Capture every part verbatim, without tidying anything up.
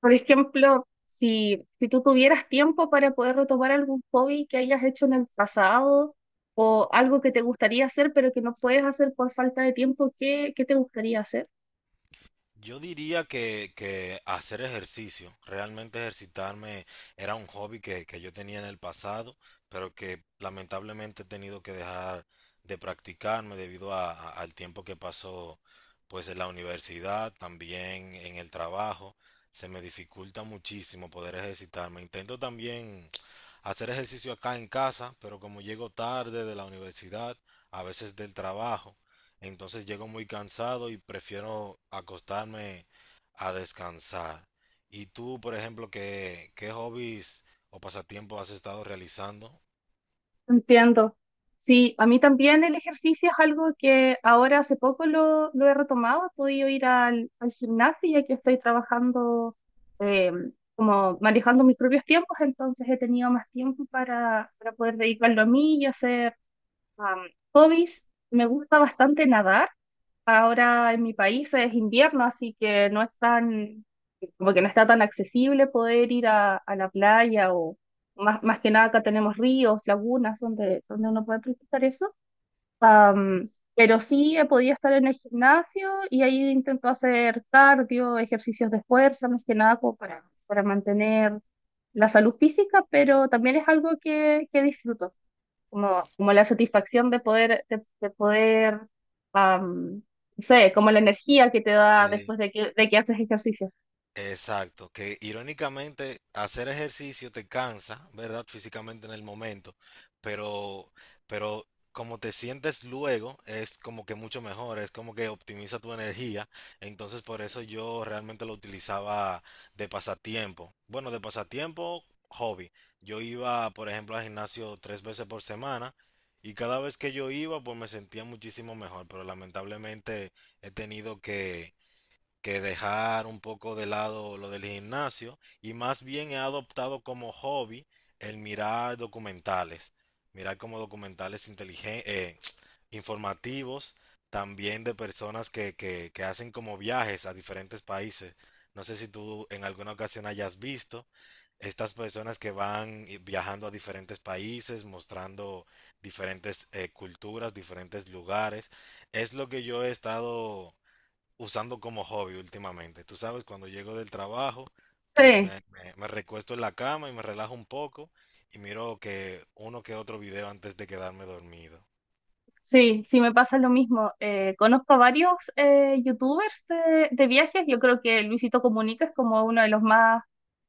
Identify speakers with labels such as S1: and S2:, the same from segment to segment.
S1: Por ejemplo, si, si tú tuvieras tiempo para poder retomar algún hobby que hayas hecho en el pasado o algo que te gustaría hacer pero que no puedes hacer por falta de tiempo, ¿qué, qué te gustaría hacer?
S2: Yo diría que, que hacer ejercicio, realmente ejercitarme era un hobby que, que yo tenía en el pasado, pero que lamentablemente he tenido que dejar de practicarme debido a- a- al tiempo que pasó pues en la universidad, también en el trabajo. Se me dificulta muchísimo poder ejercitarme. Intento también hacer ejercicio acá en casa, pero como llego tarde de la universidad, a veces del trabajo, entonces llego muy cansado y prefiero acostarme a descansar. ¿Y tú, por ejemplo, qué, qué hobbies o pasatiempos has estado realizando?
S1: Entiendo. Sí, a mí también el ejercicio es algo que ahora hace poco lo, lo he retomado. He podido ir al, al gimnasio ya que estoy trabajando eh, como manejando mis propios tiempos, entonces he tenido más tiempo para, para poder dedicarlo a mí y hacer Am, hobbies, me gusta bastante nadar. Ahora en mi país es invierno, así que no es tan, como que no está tan accesible poder ir a, a la playa o más, más que nada acá tenemos ríos, lagunas donde, donde uno puede practicar eso. Am, pero sí he podido estar en el gimnasio y ahí intento hacer cardio, ejercicios de fuerza, más que nada como para, para mantener la salud física, pero también es algo que, que disfruto como, como la satisfacción de poder, de, de poder, am, no sé, como la energía que te da
S2: Sí.
S1: después de que, de que haces ejercicio.
S2: Exacto, que irónicamente hacer ejercicio te cansa, ¿verdad? Físicamente en el momento, pero, pero como te sientes luego es como que mucho mejor, es como que optimiza tu energía, entonces por eso yo realmente lo utilizaba de pasatiempo. Bueno, de pasatiempo, hobby. Yo iba, por ejemplo, al gimnasio tres veces por semana y cada vez que yo iba, pues me sentía muchísimo mejor, pero lamentablemente he tenido que que dejar un poco de lado lo del gimnasio y más bien he adoptado como hobby el mirar documentales, mirar como documentales inteligen- eh, informativos, también de personas que, que, que hacen como viajes a diferentes países. No sé si tú en alguna ocasión hayas visto estas personas que van y- viajando a diferentes países, mostrando diferentes eh, culturas, diferentes lugares. Es lo que yo he estado usando como hobby últimamente. Tú sabes, cuando llego del trabajo, pues
S1: Sí,
S2: me, me, me recuesto en la cama y me relajo un poco y miro que uno que otro video antes de quedarme dormido.
S1: sí, sí, me pasa lo mismo. Eh, conozco a varios eh, youtubers de, de viajes, yo creo que Luisito Comunica es como uno de los más,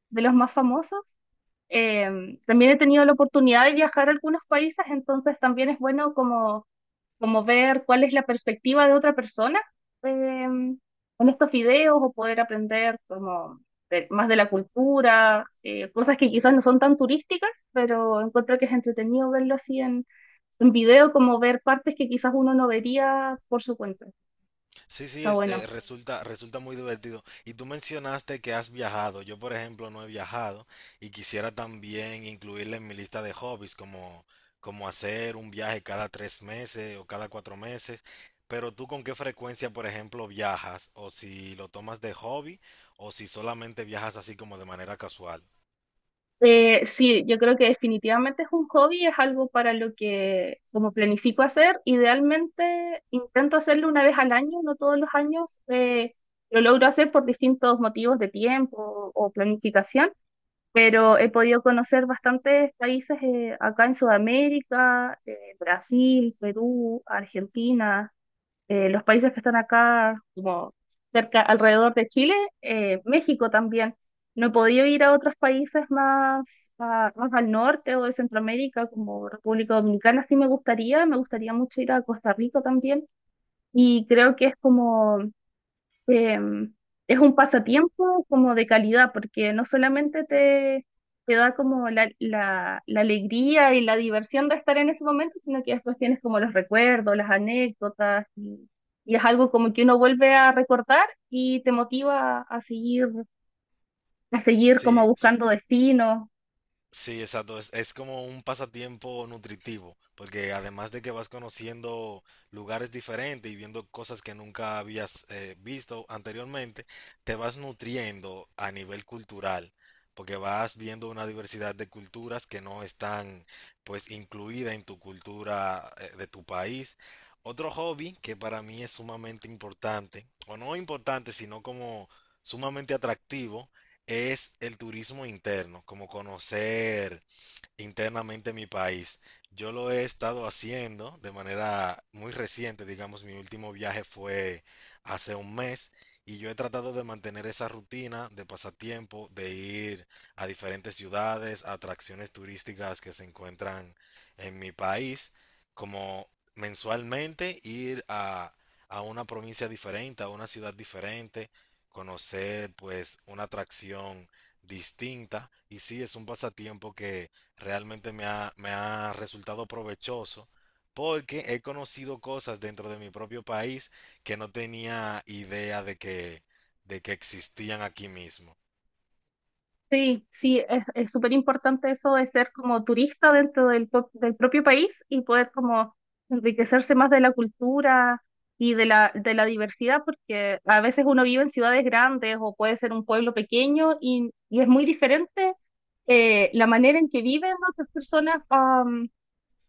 S1: de los más famosos. Eh, también he tenido la oportunidad de viajar a algunos países, entonces también es bueno como como ver cuál es la perspectiva de otra persona em, en estos videos o poder aprender como de- más de la cultura, eh, cosas que quizás no son tan turísticas, pero encuentro que es entretenido verlo así en, en video, como ver partes que quizás uno no vería por su cuenta.
S2: Sí, sí,
S1: Está
S2: es, eh,
S1: bueno.
S2: resulta, resulta muy divertido. Y tú mencionaste que has viajado. Yo, por ejemplo, no he viajado y quisiera también incluirle en mi lista de hobbies, como, como hacer un viaje cada tres meses o cada cuatro meses. Pero tú con qué frecuencia, por ejemplo, viajas, o si lo tomas de hobby, o si solamente viajas así como de manera casual.
S1: Eh, sí, yo creo que definitivamente es un hobby, es algo para lo que como planifico hacer. Idealmente intento hacerlo una vez al año, no todos los años eh, lo logro hacer por distintos motivos de tiempo o planificación, pero he podido conocer bastantes países eh, acá en Sudamérica, eh, Brasil, Perú, Argentina, eh, los países que están acá, como cerca, alrededor de Chile, eh, México también. No he podido ir a otros países más, a- más al norte o de Centroamérica, como República Dominicana, sí me gustaría, me gustaría mucho ir a Costa Rica también. Y creo que es como em, es un pasatiempo como de calidad, porque no solamente te, te da como la, la, la alegría y la diversión de estar en ese momento, sino que después tienes como los recuerdos, las anécdotas, y, y es algo como que uno vuelve a recordar y te motiva a seguir, a seguir
S2: Sí,
S1: como buscando destinos.
S2: sí, exacto. Es, es como un pasatiempo nutritivo, porque además de que vas conociendo lugares diferentes y viendo cosas que nunca habías eh, visto anteriormente, te vas nutriendo a nivel cultural, porque vas viendo una diversidad de culturas que no están pues incluida en tu cultura eh, de tu país. Otro hobby que para mí es sumamente importante, o no importante, sino como sumamente atractivo, es el turismo interno, como conocer, internamente en mi país. Yo lo he estado haciendo de manera muy reciente, digamos, mi último viaje fue hace un mes y yo he tratado de mantener esa rutina de pasatiempo, de ir a diferentes ciudades, a atracciones turísticas que se encuentran en mi país, como mensualmente ir a, a una provincia diferente, a una ciudad diferente, conocer pues una atracción distinta y sí, es un pasatiempo que realmente me ha, me ha resultado provechoso porque he conocido cosas dentro de mi propio país que no tenía idea de que, de que existían aquí mismo.
S1: Sí, sí, es es súper importante eso de ser como turista dentro del, pro- del propio país y poder como enriquecerse más de la cultura y de la, de la diversidad, porque a veces uno vive en ciudades grandes o puede ser un pueblo pequeño y, y es muy diferente eh, la manera en que viven otras personas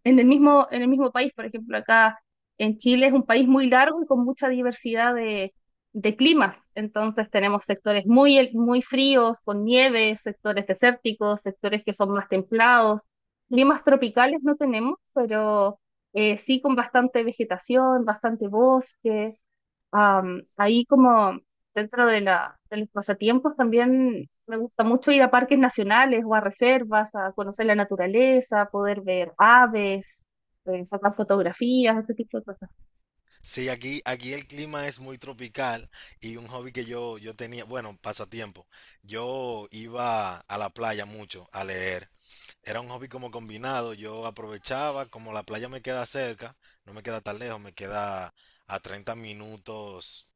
S1: en el mismo, en el mismo país, por ejemplo, acá en Chile es un país muy largo y con mucha diversidad de, de climas. Entonces tenemos sectores muy, hel- muy fríos, con nieve, sectores desérticos, sectores que son más templados. Climas tropicales no tenemos, pero eh, sí con bastante vegetación, bastante bosque. Am, ahí como dentro de la, de los pasatiempos también me gusta mucho ir a parques nacionales o a reservas, a conocer la naturaleza, poder ver aves, eh, sacar fotografías, ese tipo de cosas.
S2: Sí, aquí, aquí el clima es muy tropical y un hobby que yo, yo tenía, bueno, pasatiempo, yo iba a la playa mucho a leer. Era un hobby como combinado. Yo aprovechaba, como la playa me queda cerca, no me queda tan lejos, me queda a treinta minutos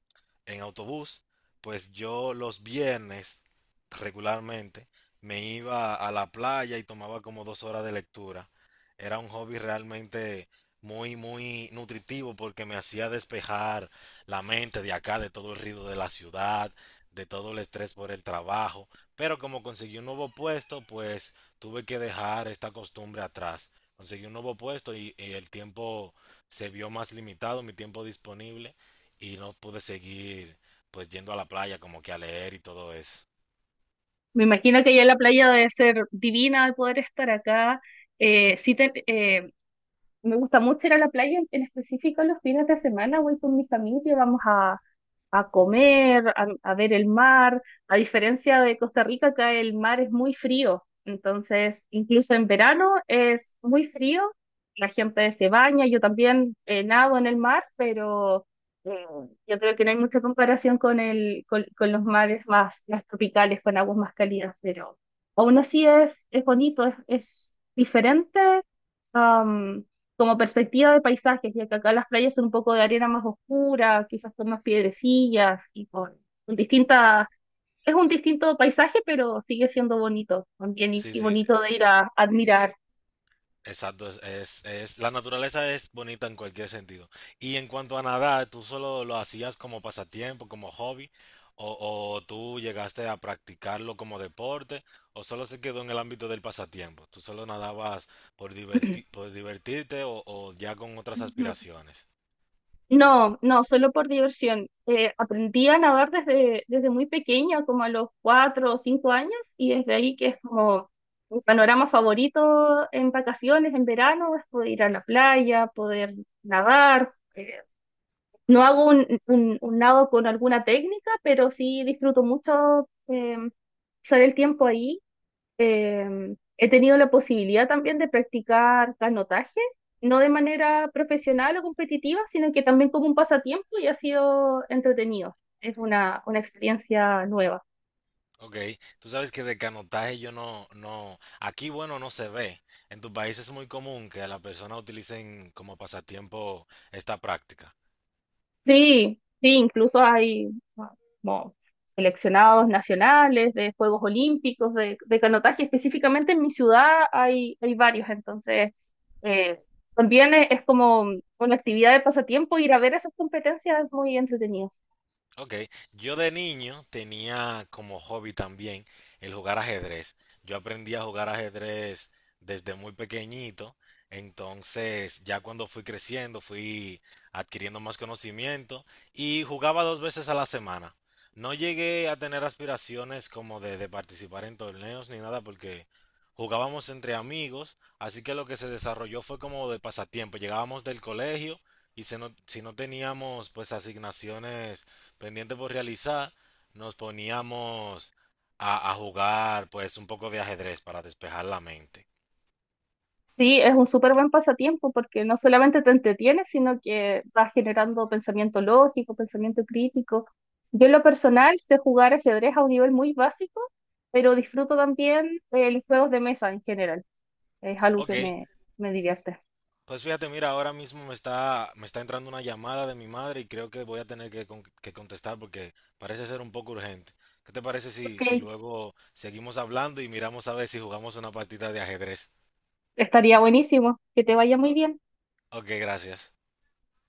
S2: en autobús, pues yo los viernes regularmente me iba a la playa y tomaba como dos horas de lectura. Era un hobby realmente muy, muy nutritivo porque me hacía despejar la mente de acá, de todo el ruido de la ciudad, de todo el estrés por el trabajo. Pero como conseguí un nuevo puesto, pues tuve que dejar esta costumbre atrás. Conseguí un nuevo puesto y, y el tiempo se vio más limitado, mi tiempo disponible, y no pude seguir pues yendo a la playa como que a leer y todo eso.
S1: Me imagino que allá en la playa debe ser divina al poder estar acá. Eh, sí te- eh, Me gusta mucho ir a la playa, en en específico los fines de semana voy con mi familia, vamos a, a comer, a, a ver el mar. A diferencia de Costa Rica, acá el mar es muy frío, entonces incluso en verano es muy frío, la gente se baña, yo también eh, nado en el mar, pero yo creo que no hay mucha comparación con el, con, con los mares más, más tropicales, con aguas más cálidas, pero aún así es, es bonito, es, es diferente am, como perspectiva de paisajes, ya que acá las playas son un poco de arena más oscura, quizás con más piedrecillas y con, con distintas, es un distinto paisaje, pero sigue siendo bonito también y,
S2: Sí,
S1: y
S2: sí,
S1: bonito de ir a admirar.
S2: exacto, es, es, es- la naturaleza es bonita en cualquier sentido. Y en cuanto a nadar, ¿tú solo lo hacías como pasatiempo, como hobby, o, o tú llegaste a practicarlo como deporte, o solo se quedó en el ámbito del pasatiempo? ¿Tú solo nadabas por diverti- por divertirte o, o ya con otras aspiraciones?
S1: No, no, solo por diversión. Eh, aprendí a nadar desde, desde muy pequeña, como a los cuatro o cinco años, y desde ahí que es como mi panorama favorito en vacaciones, en verano, es poder ir a la playa, poder nadar. Eh, no hago un, un, un nado con alguna técnica, pero sí disfruto mucho eh, usar el tiempo ahí. Em, he tenido la posibilidad también de practicar canotaje, no de manera profesional o competitiva, sino que también como un pasatiempo y ha sido entretenido. Es una, una experiencia nueva.
S2: Ok, tú sabes que de canotaje yo no, no, aquí bueno no se ve. En tu país es muy común que las personas utilicen como pasatiempo esta práctica.
S1: Sí, sí, incluso hay ah, como seleccionados nacionales de Juegos Olímpicos de, de canotaje. Específicamente en mi ciudad hay, hay varios, entonces eh, también es, es como una actividad de pasatiempo ir a ver esas competencias es muy entretenido.
S2: Ok, yo de niño tenía como hobby también el jugar ajedrez. Yo aprendí a jugar ajedrez desde muy pequeñito, entonces ya cuando fui creciendo fui adquiriendo más conocimiento y jugaba dos veces a la semana. No llegué a tener aspiraciones como de, de participar en torneos ni nada porque jugábamos entre amigos, así que lo que se desarrolló fue como de pasatiempo. Llegábamos del colegio y se no- si no teníamos pues asignaciones pendiente por realizar, nos poníamos a, a jugar pues un poco de ajedrez para despejar la mente.
S1: Sí, es un súper buen pasatiempo porque no solamente te entretienes, sino que vas generando pensamiento lógico, pensamiento crítico. Yo en lo personal sé jugar ajedrez a un nivel muy básico, pero disfruto también eh, los juegos de mesa en general. Es algo
S2: Ok,
S1: que me, me divierte.
S2: pues fíjate, mira, ahora mismo me está, me está entrando una llamada de mi madre y creo que voy a tener que, con- que contestar porque parece ser un poco urgente. ¿Qué te parece si,
S1: Ok,
S2: si luego seguimos hablando y miramos a ver si jugamos una partida de ajedrez?
S1: estaría buenísimo. Que te vaya muy bien.
S2: O- ok, gracias.